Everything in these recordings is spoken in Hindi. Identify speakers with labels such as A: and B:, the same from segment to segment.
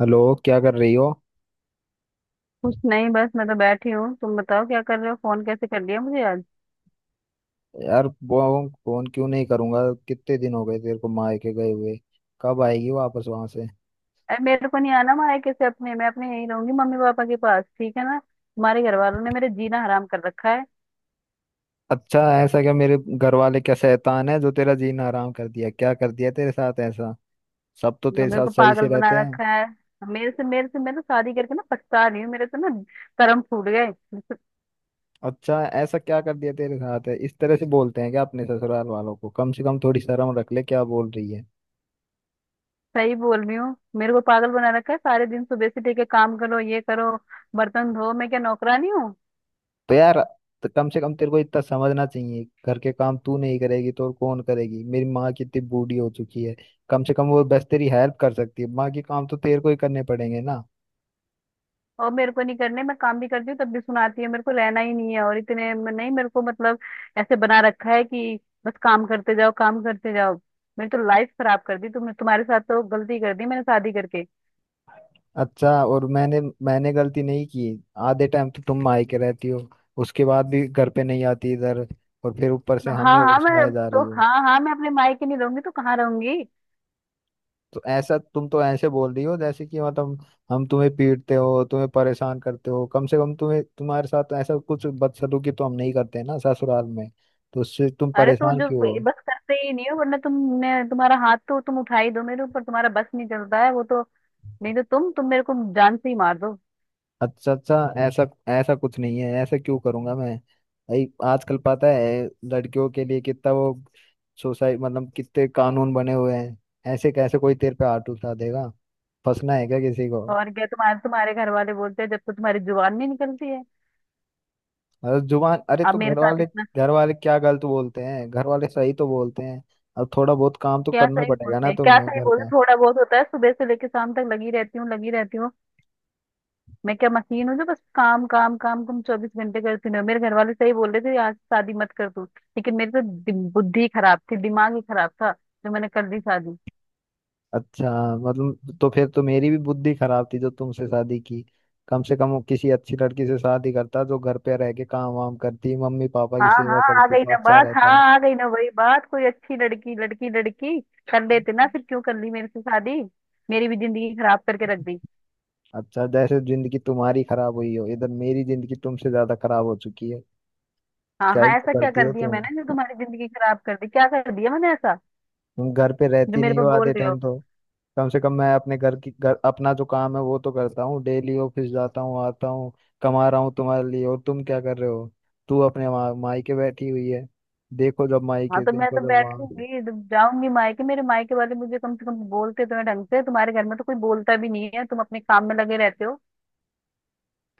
A: हेलो। क्या कर रही हो?
B: कुछ नहीं। बस मैं तो बैठी हूँ। तुम बताओ, क्या कर रहे हो? फोन कैसे कर लिया मुझे आज?
A: यार वो फोन क्यों नहीं करूंगा? कितने दिन हो गए तेरे को मायके गए हुए? कब आएगी वापस वहां से?
B: अरे, मेरे को नहीं आना मायके। कैसे अपने मैं अपने यहीं रहूंगी, मम्मी पापा के पास। ठीक है ना? तुम्हारे घर वालों ने मेरे जीना हराम कर रखा है।
A: अच्छा, ऐसा क्या? मेरे घर वाले क्या शैतान है जो तेरा जीना हराम कर दिया? क्या कर दिया तेरे साथ ऐसा? सब तो तेरे
B: मेरे
A: साथ
B: को
A: सही
B: पागल
A: से
B: बना
A: रहते हैं।
B: रखा है। मेरे से मैं तो शादी करके ना पछता रही हूँ। मेरे तो ना, कर्म फूट गए, मैं तो।
A: अच्छा, ऐसा क्या कर दिया तेरे साथ है? इस तरह से बोलते हैं क्या अपने ससुराल वालों को? कम से कम थोड़ी शर्म रख ले, क्या बोल रही है।
B: सही बोल रही हूँ। मेरे को पागल बना रखा है। सारे दिन सुबह से लेके काम करो, ये करो, बर्तन धो। मैं क्या नौकरानी हूँ?
A: तो यार, तो कम से कम तेरे को इतना समझना चाहिए, घर के काम तू नहीं करेगी तो और कौन करेगी? मेरी माँ कितनी बूढ़ी हो चुकी है। कम से कम वो बस तेरी हेल्प कर सकती है, माँ के काम तो तेरे को ही करने पड़ेंगे ना।
B: और मेरे को नहीं करने। मैं काम भी करती हूँ, तब भी सुनाती है। मेरे को रहना ही नहीं है और इतने में नहीं। मेरे को मतलब ऐसे बना रखा है कि बस काम करते जाओ, काम करते जाओ। मेरी तो लाइफ खराब कर दी तुमने। तुम्हारे साथ तो गलती कर दी मैंने शादी करके।
A: अच्छा, और मैंने मैंने गलती नहीं की? आधे टाइम तो तुम मायके रहती हो, उसके बाद भी घर पे नहीं आती इधर, और फिर ऊपर से
B: हाँ
A: हमें और
B: हाँ, मैं
A: सुनाए
B: अब
A: जा
B: तो,
A: रही हो।
B: हाँ हाँ, मैं अपने मायके नहीं रहूंगी तो कहाँ रहूंगी?
A: तो ऐसा, तुम तो ऐसे बोल रही हो जैसे कि मतलब हम तुम्हें पीटते हो, तुम्हें परेशान करते हो। कम से कम तुम्हें, तुम्हारे साथ ऐसा कुछ बदसलूकी तो हम नहीं करते ना ससुराल में। तो उससे तुम
B: अरे तो
A: परेशान
B: जो
A: क्यों हो?
B: बस करते ही नहीं हो, वरना तुमने तुम्हारा हाथ तो तुम उठा ही दो मेरे ऊपर। तुम्हारा बस नहीं चलता है वो तो, नहीं तो तुम मेरे को जान से ही मार दो।
A: अच्छा, अच्छा। ऐसा ऐसा कुछ नहीं है, ऐसा क्यों करूंगा मैं? भाई, आजकल पता है लड़कियों के लिए कितना वो सोसाइटी, मतलब कितने कानून बने हुए हैं। ऐसे कैसे कोई तेरे पे हाथ उठा देगा? फंसना है क्या किसी को?
B: और क्या? तुम्हारे तुम्हारे घर वाले बोलते हैं जब तक तुम्हारी जुबान नहीं निकलती है।
A: अरे जुबान, अरे
B: अब
A: तो
B: मेरे
A: घर
B: साथ
A: वाले
B: इतना।
A: घर वाले क्या गलत बोलते हैं? घर वाले सही तो बोलते हैं। अब थोड़ा बहुत काम तो
B: क्या
A: करना
B: सही
A: पड़ेगा
B: बोलते
A: ना
B: हैं? क्या
A: तुम्हें
B: सही
A: घर
B: बोलते हैं?
A: का।
B: थोड़ा बहुत होता है? सुबह से लेकर शाम तक लगी रहती हूँ, लगी रहती हूँ। मैं क्या मशीन हूँ जो बस काम, काम, काम तुम चौबीस घंटे करती रहो? मेरे घर वाले सही बोल रहे थे, आज शादी मत कर तू। लेकिन मेरी तो बुद्धि खराब थी, दिमाग ही खराब था जो मैंने कर दी शादी।
A: अच्छा, मतलब तो फिर तो मेरी भी बुद्धि खराब थी जो तुमसे शादी की। कम से कम वो किसी अच्छी लड़की से शादी करता, जो घर पे रह के काम वाम करती, मम्मी पापा की
B: हाँ
A: सेवा
B: हाँ, आ
A: करती,
B: गई
A: तो
B: ना
A: अच्छा
B: बात। हाँ,
A: रहता।
B: आ गई ना वही बात, कोई अच्छी लड़की, लड़की, लड़की कर लेते ना। फिर क्यों कर ली मेरे से शादी? मेरी भी जिंदगी खराब करके रख दी।
A: अच्छा, जैसे जिंदगी तुम्हारी खराब हुई हो, इधर मेरी जिंदगी तुमसे ज्यादा खराब हो चुकी है।
B: हाँ
A: क्या
B: हाँ,
A: ही तो
B: ऐसा क्या
A: करती
B: कर
A: हो
B: दिया
A: तुम?
B: मैंने जो तुम्हारी जिंदगी खराब कर दी? क्या कर दिया मैंने ऐसा
A: तुम घर पे
B: जो
A: रहती
B: मेरे
A: नहीं
B: पर
A: हो
B: बोल
A: आधे
B: रहे हो?
A: टाइम तो। कम से कम मैं अपने घर की, घर अपना जो काम है वो तो करता हूँ, डेली ऑफिस जाता हूँ, आता हूँ, कमा रहा हूँ तुम्हारे लिए, और तुम क्या कर रहे हो? तू अपने वहाँ मायके बैठी हुई है। देखो जब
B: हाँ
A: मायके,
B: तो मैं
A: देखो
B: तो
A: जब
B: बैठ
A: वहाँ।
B: लूंगी जब जाऊंगी मायके। मेरे मायके वाले मुझे कम से कम बोलते तो हैं ढंग से, तुम्हारे घर में तो कोई बोलता भी नहीं है। तुम अपने काम में लगे रहते हो।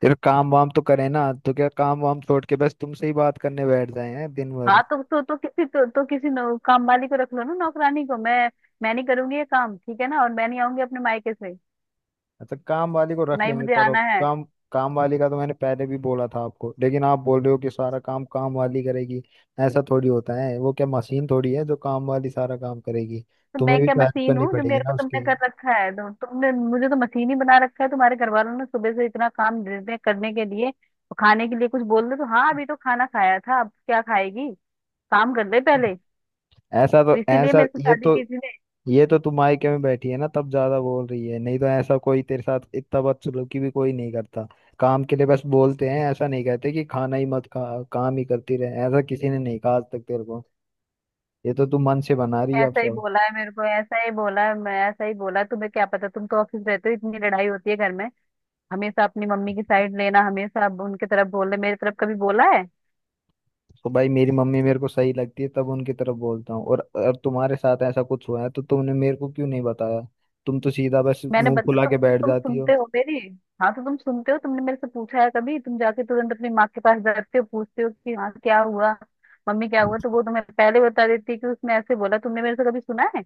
A: फिर काम वाम तो करे ना, तो क्या काम वाम छोड़ के बस तुमसे ही बात करने बैठ जाए हैं दिन भर?
B: हाँ तो काम वाली को रख लो ना, नौकरानी को। मैं नहीं करूंगी ये काम। ठीक है ना? और मैं नहीं आऊंगी अपने मायके से,
A: अच्छा, काम वाली को
B: तो
A: रख
B: ना ही
A: लेंगे,
B: मुझे
A: चलो।
B: आना है।
A: काम काम वाली का तो मैंने पहले भी बोला था आपको, लेकिन आप बोल रहे हो कि सारा काम काम वाली करेगी। ऐसा थोड़ी होता है, वो क्या मशीन थोड़ी है जो काम वाली सारा काम करेगी?
B: तो
A: तुम्हें
B: मैं
A: भी
B: क्या
A: तो हेल्प
B: मशीन
A: करनी
B: हूँ जो
A: पड़ेगी
B: मेरे को
A: ना
B: तुमने
A: उसके।
B: कर रखा है? तो तुमने मुझे तो मशीन ही बना रखा है, तुम्हारे घर वालों ने। सुबह से इतना काम दे दिया करने के लिए, तो खाने के लिए कुछ बोल दो तो, हाँ अभी तो खाना खाया था, अब क्या खाएगी, काम कर ले पहले।
A: ऐसा तो,
B: तो इसीलिए
A: ऐसा
B: मेरे से
A: ये
B: शादी
A: तो,
B: किसी ने।
A: ये तो तुम मायके में बैठी है ना तब ज्यादा बोल रही है। नहीं तो ऐसा कोई तेरे साथ इतना बदसलूकी भी कोई नहीं करता। काम के लिए बस बोलते हैं, ऐसा नहीं कहते कि खाना ही मत खा, काम ही करती रहे। ऐसा किसी ने नहीं कहा आज तक तेरे को। ये तो तू मन से बना रही है अब
B: ऐसा ही
A: सब।
B: बोला है मेरे को, ऐसा ही बोला है, मैं ऐसा ही बोला तुम्हें क्या पता, तुम तो ऑफिस रहते हो। इतनी लड़ाई होती है घर में। हमेशा अपनी मम्मी की साइड लेना, हमेशा अब उनके तरफ बोलना। मेरी तरफ कभी बोला है?
A: तो भाई, मेरी मम्मी मेरे को सही लगती है तब उनकी तरफ बोलता हूँ, और अब तुम्हारे साथ ऐसा कुछ हुआ है तो तुमने मेरे को क्यों नहीं बताया? तुम तो सीधा बस
B: मैंने
A: मुंह
B: बता
A: फुला
B: तुम
A: के
B: तुम
A: बैठ
B: तुम
A: जाती हो।
B: सुनते हो मेरी? हाँ तो तुम सुनते हो? तुमने मेरे से पूछा है कभी? तुम जाके तुरंत अपनी माँ के पास जाते हो, पूछते हो कि हाँ क्या हुआ मम्मी, क्या हुआ? तो वो तुम्हें पहले बता देती है कि उसने ऐसे बोला। तुमने मेरे से कभी सुना है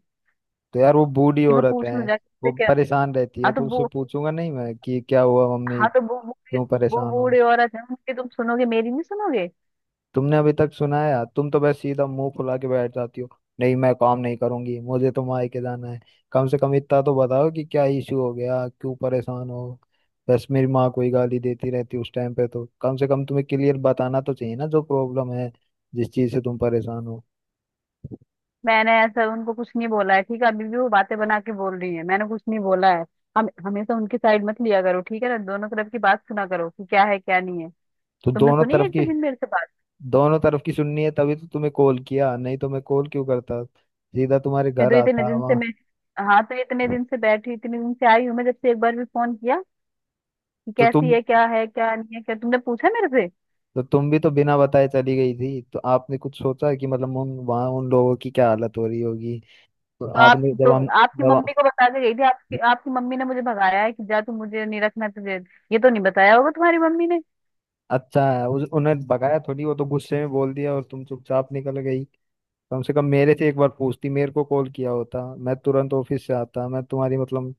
A: तो यार, वो बूढ़ी
B: कि मैं
A: औरत
B: पूछ लूँ
A: है,
B: जाके उससे
A: वो
B: क्या?
A: परेशान रहती है,
B: हाँ तो
A: तो उससे
B: वो
A: पूछूंगा नहीं मैं कि क्या हुआ मम्मी
B: हाँ तो वो वो
A: क्यों
B: वो
A: परेशान हो?
B: बूढ़े औरत है। उनकी तुम सुनोगे, मेरी नहीं सुनोगे।
A: तुमने अभी तक सुना है? तुम तो बस सीधा मुंह फुला के बैठ जाती हो, नहीं मैं काम नहीं करूंगी, मुझे तो मायके जाना है। कम से कम इतना तो बताओ कि क्या इशू हो गया, क्यों परेशान हो, बस मेरी माँ कोई गाली देती रहती उस टाइम पे। तो कम से कम तुम्हें क्लियर बताना तो चाहिए ना, जो प्रॉब्लम है, जिस चीज से तुम परेशान हो।
B: मैंने ऐसा उनको कुछ नहीं बोला है, ठीक है? अभी भी वो बातें बना के बोल रही है। मैंने कुछ नहीं बोला है। हम हमेशा उनकी साइड मत लिया करो, ठीक है ना? दोनों तरफ की बात सुना करो कि क्या है क्या नहीं है।
A: तो
B: तुमने सुनी है एक भी दिन मेरे से बात?
A: दोनों तरफ की सुननी है तभी तो तुम्हें कॉल किया, नहीं तो मैं कॉल क्यों करता, सीधा तुम्हारे
B: मैं
A: घर
B: तो इतने
A: आता
B: दिन से
A: वहाँ।
B: मैं हाँ तो इतने दिन से बैठी, इतने दिन से आई हूँ मैं, जब से एक बार भी फोन किया कि
A: तो
B: कैसी
A: तुम
B: है, क्या है, क्या नहीं है? क्या तुमने पूछा मेरे से?
A: तो तुम भी तो बिना बताए चली गई थी, तो आपने कुछ सोचा कि मतलब उन वहाँ उन लोगों की क्या हालत हो रही होगी? तो
B: तो आप
A: आपने
B: तो
A: जब हम,
B: आपकी
A: जब हम-।
B: मम्मी को बता के गई थी। आपकी आपकी मम्मी ने मुझे भगाया है कि जा तू, मुझे नहीं रखना तुझे। ये तो नहीं बताया होगा तुम्हारी मम्मी ने।
A: अच्छा, है उस, उन्हें भगाया थोड़ी, वो तो गुस्से में बोल दिया और तुम चुपचाप निकल गई। कम से कम मेरे से एक बार पूछती, मेरे को कॉल किया होता, मैं तुरंत ऑफिस से आता, मैं तुम्हारी मतलब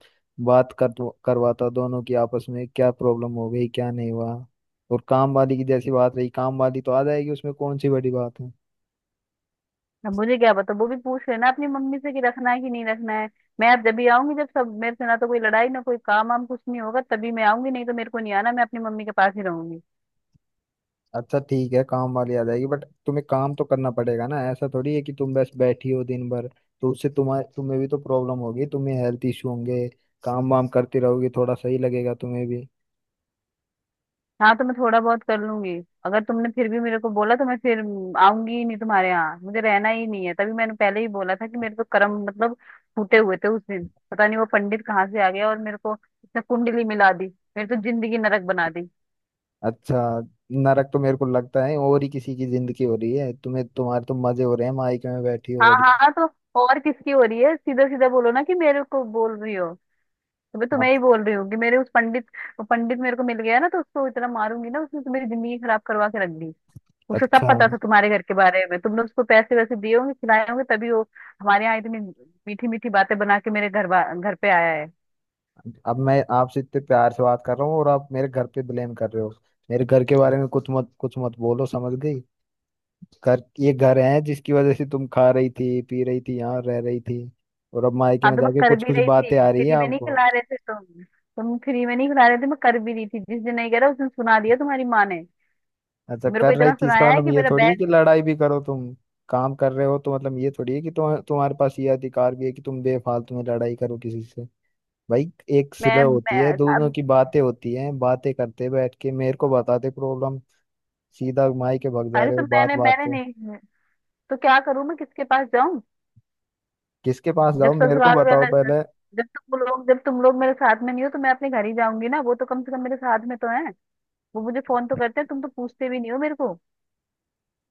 A: बात कर, करवाता दोनों की आपस में, क्या प्रॉब्लम हो गई क्या नहीं हुआ। और काम वाली की जैसी बात रही, काम वाली तो आ जाएगी, उसमें कौन सी बड़ी बात है?
B: अब मुझे क्या पता, वो भी पूछ लेना अपनी मम्मी से कि रखना है कि नहीं रखना है। मैं अब जब भी आऊंगी, जब सब मेरे से ना तो कोई लड़ाई, ना कोई काम वाम कुछ नहीं होगा, तभी मैं आऊंगी। नहीं तो मेरे को नहीं आना, मैं अपनी मम्मी के पास ही रहूंगी।
A: अच्छा, ठीक है, काम वाली आ जाएगी, बट तुम्हें काम तो करना पड़ेगा ना, ऐसा थोड़ी है कि तुम बस बैठी हो दिन भर। तो उससे तुम्हारे तुम्हें भी तो प्रॉब्लम होगी, तुम्हें हेल्थ इशू होंगे। काम वाम करती रहोगी, थोड़ा सही लगेगा तुम्हें भी।
B: हाँ तो मैं थोड़ा बहुत कर लूंगी। अगर तुमने फिर भी मेरे को बोला तो मैं फिर आऊंगी ही नहीं तुम्हारे यहाँ। मुझे रहना ही नहीं है। तभी मैंने पहले ही बोला था कि मेरे तो कर्म मतलब फूटे हुए थे। उस दिन पता नहीं वो पंडित कहाँ से आ गया और मेरे को इसने कुंडली मिला दी। मेरी तो जिंदगी नरक बना दी।
A: अच्छा, नरक तो मेरे को लगता है और ही किसी की जिंदगी हो रही है, तुम्हें, तुम्हारे तो मजे हो रहे हैं मायके में बैठी हो
B: हाँ
A: बड़ी।
B: हाँ हाँ, तो और किसकी हो रही है? सीधा सीधा बोलो ना कि मेरे को बोल रही हो। अबे, तो
A: आप
B: मैं ही बोल रही हूँ कि मेरे उस पंडित वो पंडित मेरे को मिल गया ना तो उसको इतना मारूंगी ना। उसने तो मेरी जिंदगी खराब करवा के रख दी। उसे सब
A: अच्छा,
B: पता था तुम्हारे घर के बारे में, तुमने उसको पैसे वैसे दिए होंगे, खिलाए होंगे, तभी वो हमारे यहाँ इतनी मीठी मीठी बातें बना के मेरे घर पे आया है।
A: अब मैं आपसे इतने प्यार से बात कर रहा हूँ और आप मेरे घर पे ब्लेम कर रहे हो? मेरे घर के बारे में कुछ मत बोलो, समझ गई? घर, ये घर है जिसकी वजह से तुम खा रही थी, पी रही थी, यहाँ रह रही थी, और अब मायके
B: हाँ
A: में
B: तो मैं
A: जाके
B: कर
A: कुछ
B: भी
A: कुछ
B: रही
A: बातें
B: थी,
A: आ रही है
B: फ्री में नहीं
A: आपको।
B: खिला रहे थे तुम। तुम फ्री में नहीं खिला रहे थे, मैं कर भी रही थी। जिस दिन नहीं कह रहा उस दिन सुना दिया तुम्हारी माँ ने।
A: अच्छा,
B: और मेरे को
A: कर रही
B: इतना
A: थी इसका
B: सुनाया है
A: मतलब
B: कि
A: ये
B: मेरा
A: थोड़ी है कि
B: बैग।
A: लड़ाई भी करो तुम? काम कर रहे हो तो मतलब ये थोड़ी है कि तुम्हारे पास ये अधिकार भी है कि तुम बेफालतू में लड़ाई करो किसी से? भाई, एक सुलह
B: मैं,
A: होती है,
B: मैं
A: दोनों
B: अब।
A: की बातें होती हैं, बातें करते बैठ के मेरे को बताते प्रॉब्लम, सीधा मायके भग जा
B: अरे
A: रहे
B: तो
A: हो
B: मैंने
A: बात बात
B: मैंने
A: पे।
B: नहीं। तो क्या करूं मैं, किसके पास जाऊं?
A: किसके पास
B: जब
A: जाओ, मेरे को
B: ससुराल
A: बताओ
B: वाला,
A: पहले।
B: जब तुम लोग मेरे साथ में नहीं हो तो मैं अपने घर ही जाऊंगी ना। वो तो कम से कम मेरे साथ में तो है, वो मुझे फोन तो करते हैं। तुम तो पूछते भी नहीं हो मेरे को।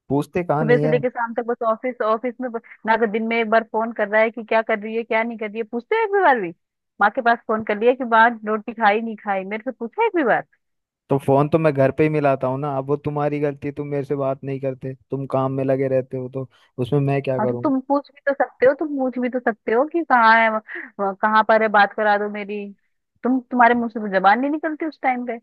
A: पूछते कहाँ
B: सुबह
A: नहीं
B: से
A: है?
B: लेके शाम तक बस ऑफिस, ऑफिस में ना कर। दिन में एक बार फोन कर रहा है कि क्या कर रही है, क्या नहीं कर रही है? पूछते हो एक भी बार भी? माँ के पास फोन कर लिया कि माँ रोटी खाई नहीं खाई? मेरे से पूछा है एक भी बार?
A: तो फोन तो मैं घर पे ही मिलाता हूँ ना, अब वो तुम्हारी गलती है, तुम मेरे से बात नहीं करते, तुम काम में लगे रहते हो, तो उसमें मैं क्या
B: हाँ तो
A: करूँ?
B: तुम पूछ भी तो सकते हो, तुम पूछ भी तो सकते हो कि कहाँ है कहाँ पर है, बात करा दो मेरी। तुम्हारे मुंह से तो जबान नहीं निकलती उस टाइम पे।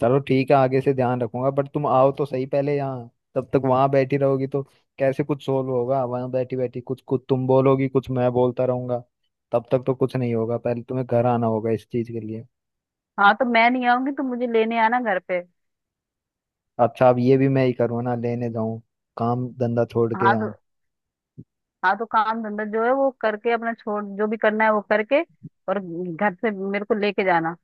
A: चलो, ठीक है, आगे से ध्यान रखूंगा, बट तुम आओ तो सही पहले यहाँ, तब तक वहां बैठी रहोगी तो कैसे कुछ सोल्व होगा? वहां बैठी बैठी कुछ कुछ तुम बोलोगी, कुछ मैं बोलता रहूंगा, तब तक तो कुछ नहीं होगा। पहले तुम्हें घर आना होगा इस चीज के लिए।
B: हाँ तो मैं नहीं आऊंगी, तुम मुझे लेने आना घर पे।
A: अच्छा, अब ये भी मैं ही करूँ ना, लेने जाऊँ काम धंधा छोड़ के
B: हाँ तो
A: यहाँ?
B: हाँ तो काम धंधा जो है वो करके, अपना छोड़, जो भी करना है वो करके, और घर से मेरे को लेके जाना।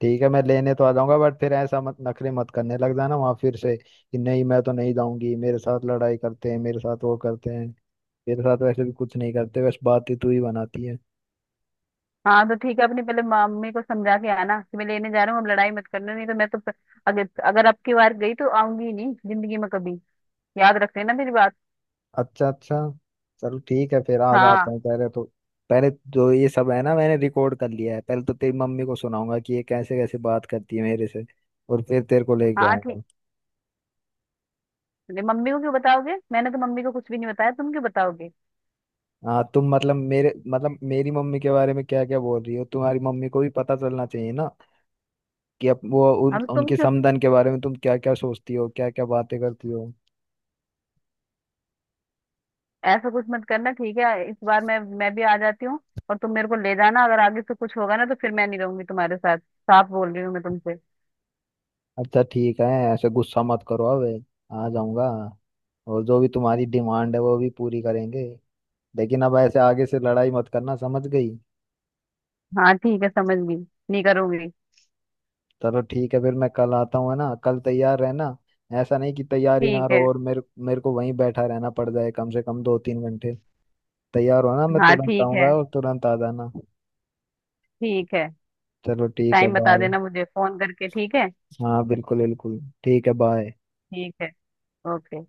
A: ठीक है, मैं लेने तो आ जाऊंगा, बट फिर ऐसा मत, नखरे मत करने लग जाना वहां फिर से कि नहीं मैं तो नहीं जाऊंगी, मेरे साथ लड़ाई करते हैं, मेरे साथ वो करते हैं। मेरे साथ वैसे भी कुछ नहीं करते, बस बातें तू ही बनाती है।
B: हाँ तो ठीक है, अपनी पहले मम्मी को समझा के आना कि मैं लेने जा रहा हूँ, अब लड़ाई मत करना। नहीं तो मैं तो अगर अगर अब की बार गई तो आऊंगी ही नहीं जिंदगी में कभी। याद रख लेना मेरी बात।
A: अच्छा, अच्छा। चल ठीक है, फिर आज आता
B: हाँ,
A: हूँ पहले तो। पहले जो ये सब है ना, मैंने रिकॉर्ड कर लिया है, पहले तो तेरी मम्मी को सुनाऊंगा कि ये कैसे कैसे बात करती है मेरे से, और फिर तेरे को लेके
B: हाँ, ठीक।
A: आऊंगा।
B: नहीं, मम्मी को क्यों बताओगे? मैंने तो मम्मी को कुछ भी नहीं बताया, तुम क्यों बताओगे?
A: हाँ, तुम मतलब, मेरे मतलब मेरी मम्मी के बारे में क्या क्या बोल रही हो, तुम्हारी मम्मी को भी पता चलना चाहिए ना, कि अप वो, उन
B: हम तुम
A: उनके
B: क्यों
A: समधन के बारे में तुम क्या क्या सोचती हो, क्या क्या बातें करती हो।
B: ऐसा कुछ मत करना, ठीक है? इस बार मैं भी आ जाती हूँ और तुम मेरे को ले जाना। अगर आगे से कुछ होगा ना तो फिर मैं नहीं रहूंगी तुम्हारे साथ, साफ बोल रही हूँ मैं तुमसे।
A: अच्छा, ठीक है, ऐसे गुस्सा मत करो अब, आ जाऊंगा, और जो भी तुम्हारी डिमांड है वो भी पूरी करेंगे, लेकिन अब ऐसे आगे से लड़ाई मत करना, समझ गई?
B: हाँ ठीक है, समझ गई। नहीं करूंगी।
A: चलो, ठीक है, फिर मैं कल आता हूँ, है ना, कल तैयार रहना। ऐसा नहीं कि तैयार ही ना
B: ठीक है।
A: रहो और मेरे मेरे को वहीं बैठा रहना पड़ जाए कम से कम 2-3 घंटे। तैयार हो ना, मैं
B: हाँ
A: तुरंत
B: ठीक है।
A: आऊंगा और तुरंत आ जाना।
B: ठीक है।
A: चलो, ठीक है,
B: टाइम बता
A: बाय।
B: देना मुझे फोन करके, ठीक है?
A: हाँ, बिल्कुल बिल्कुल ठीक है, बाय।
B: ठीक है। ओके।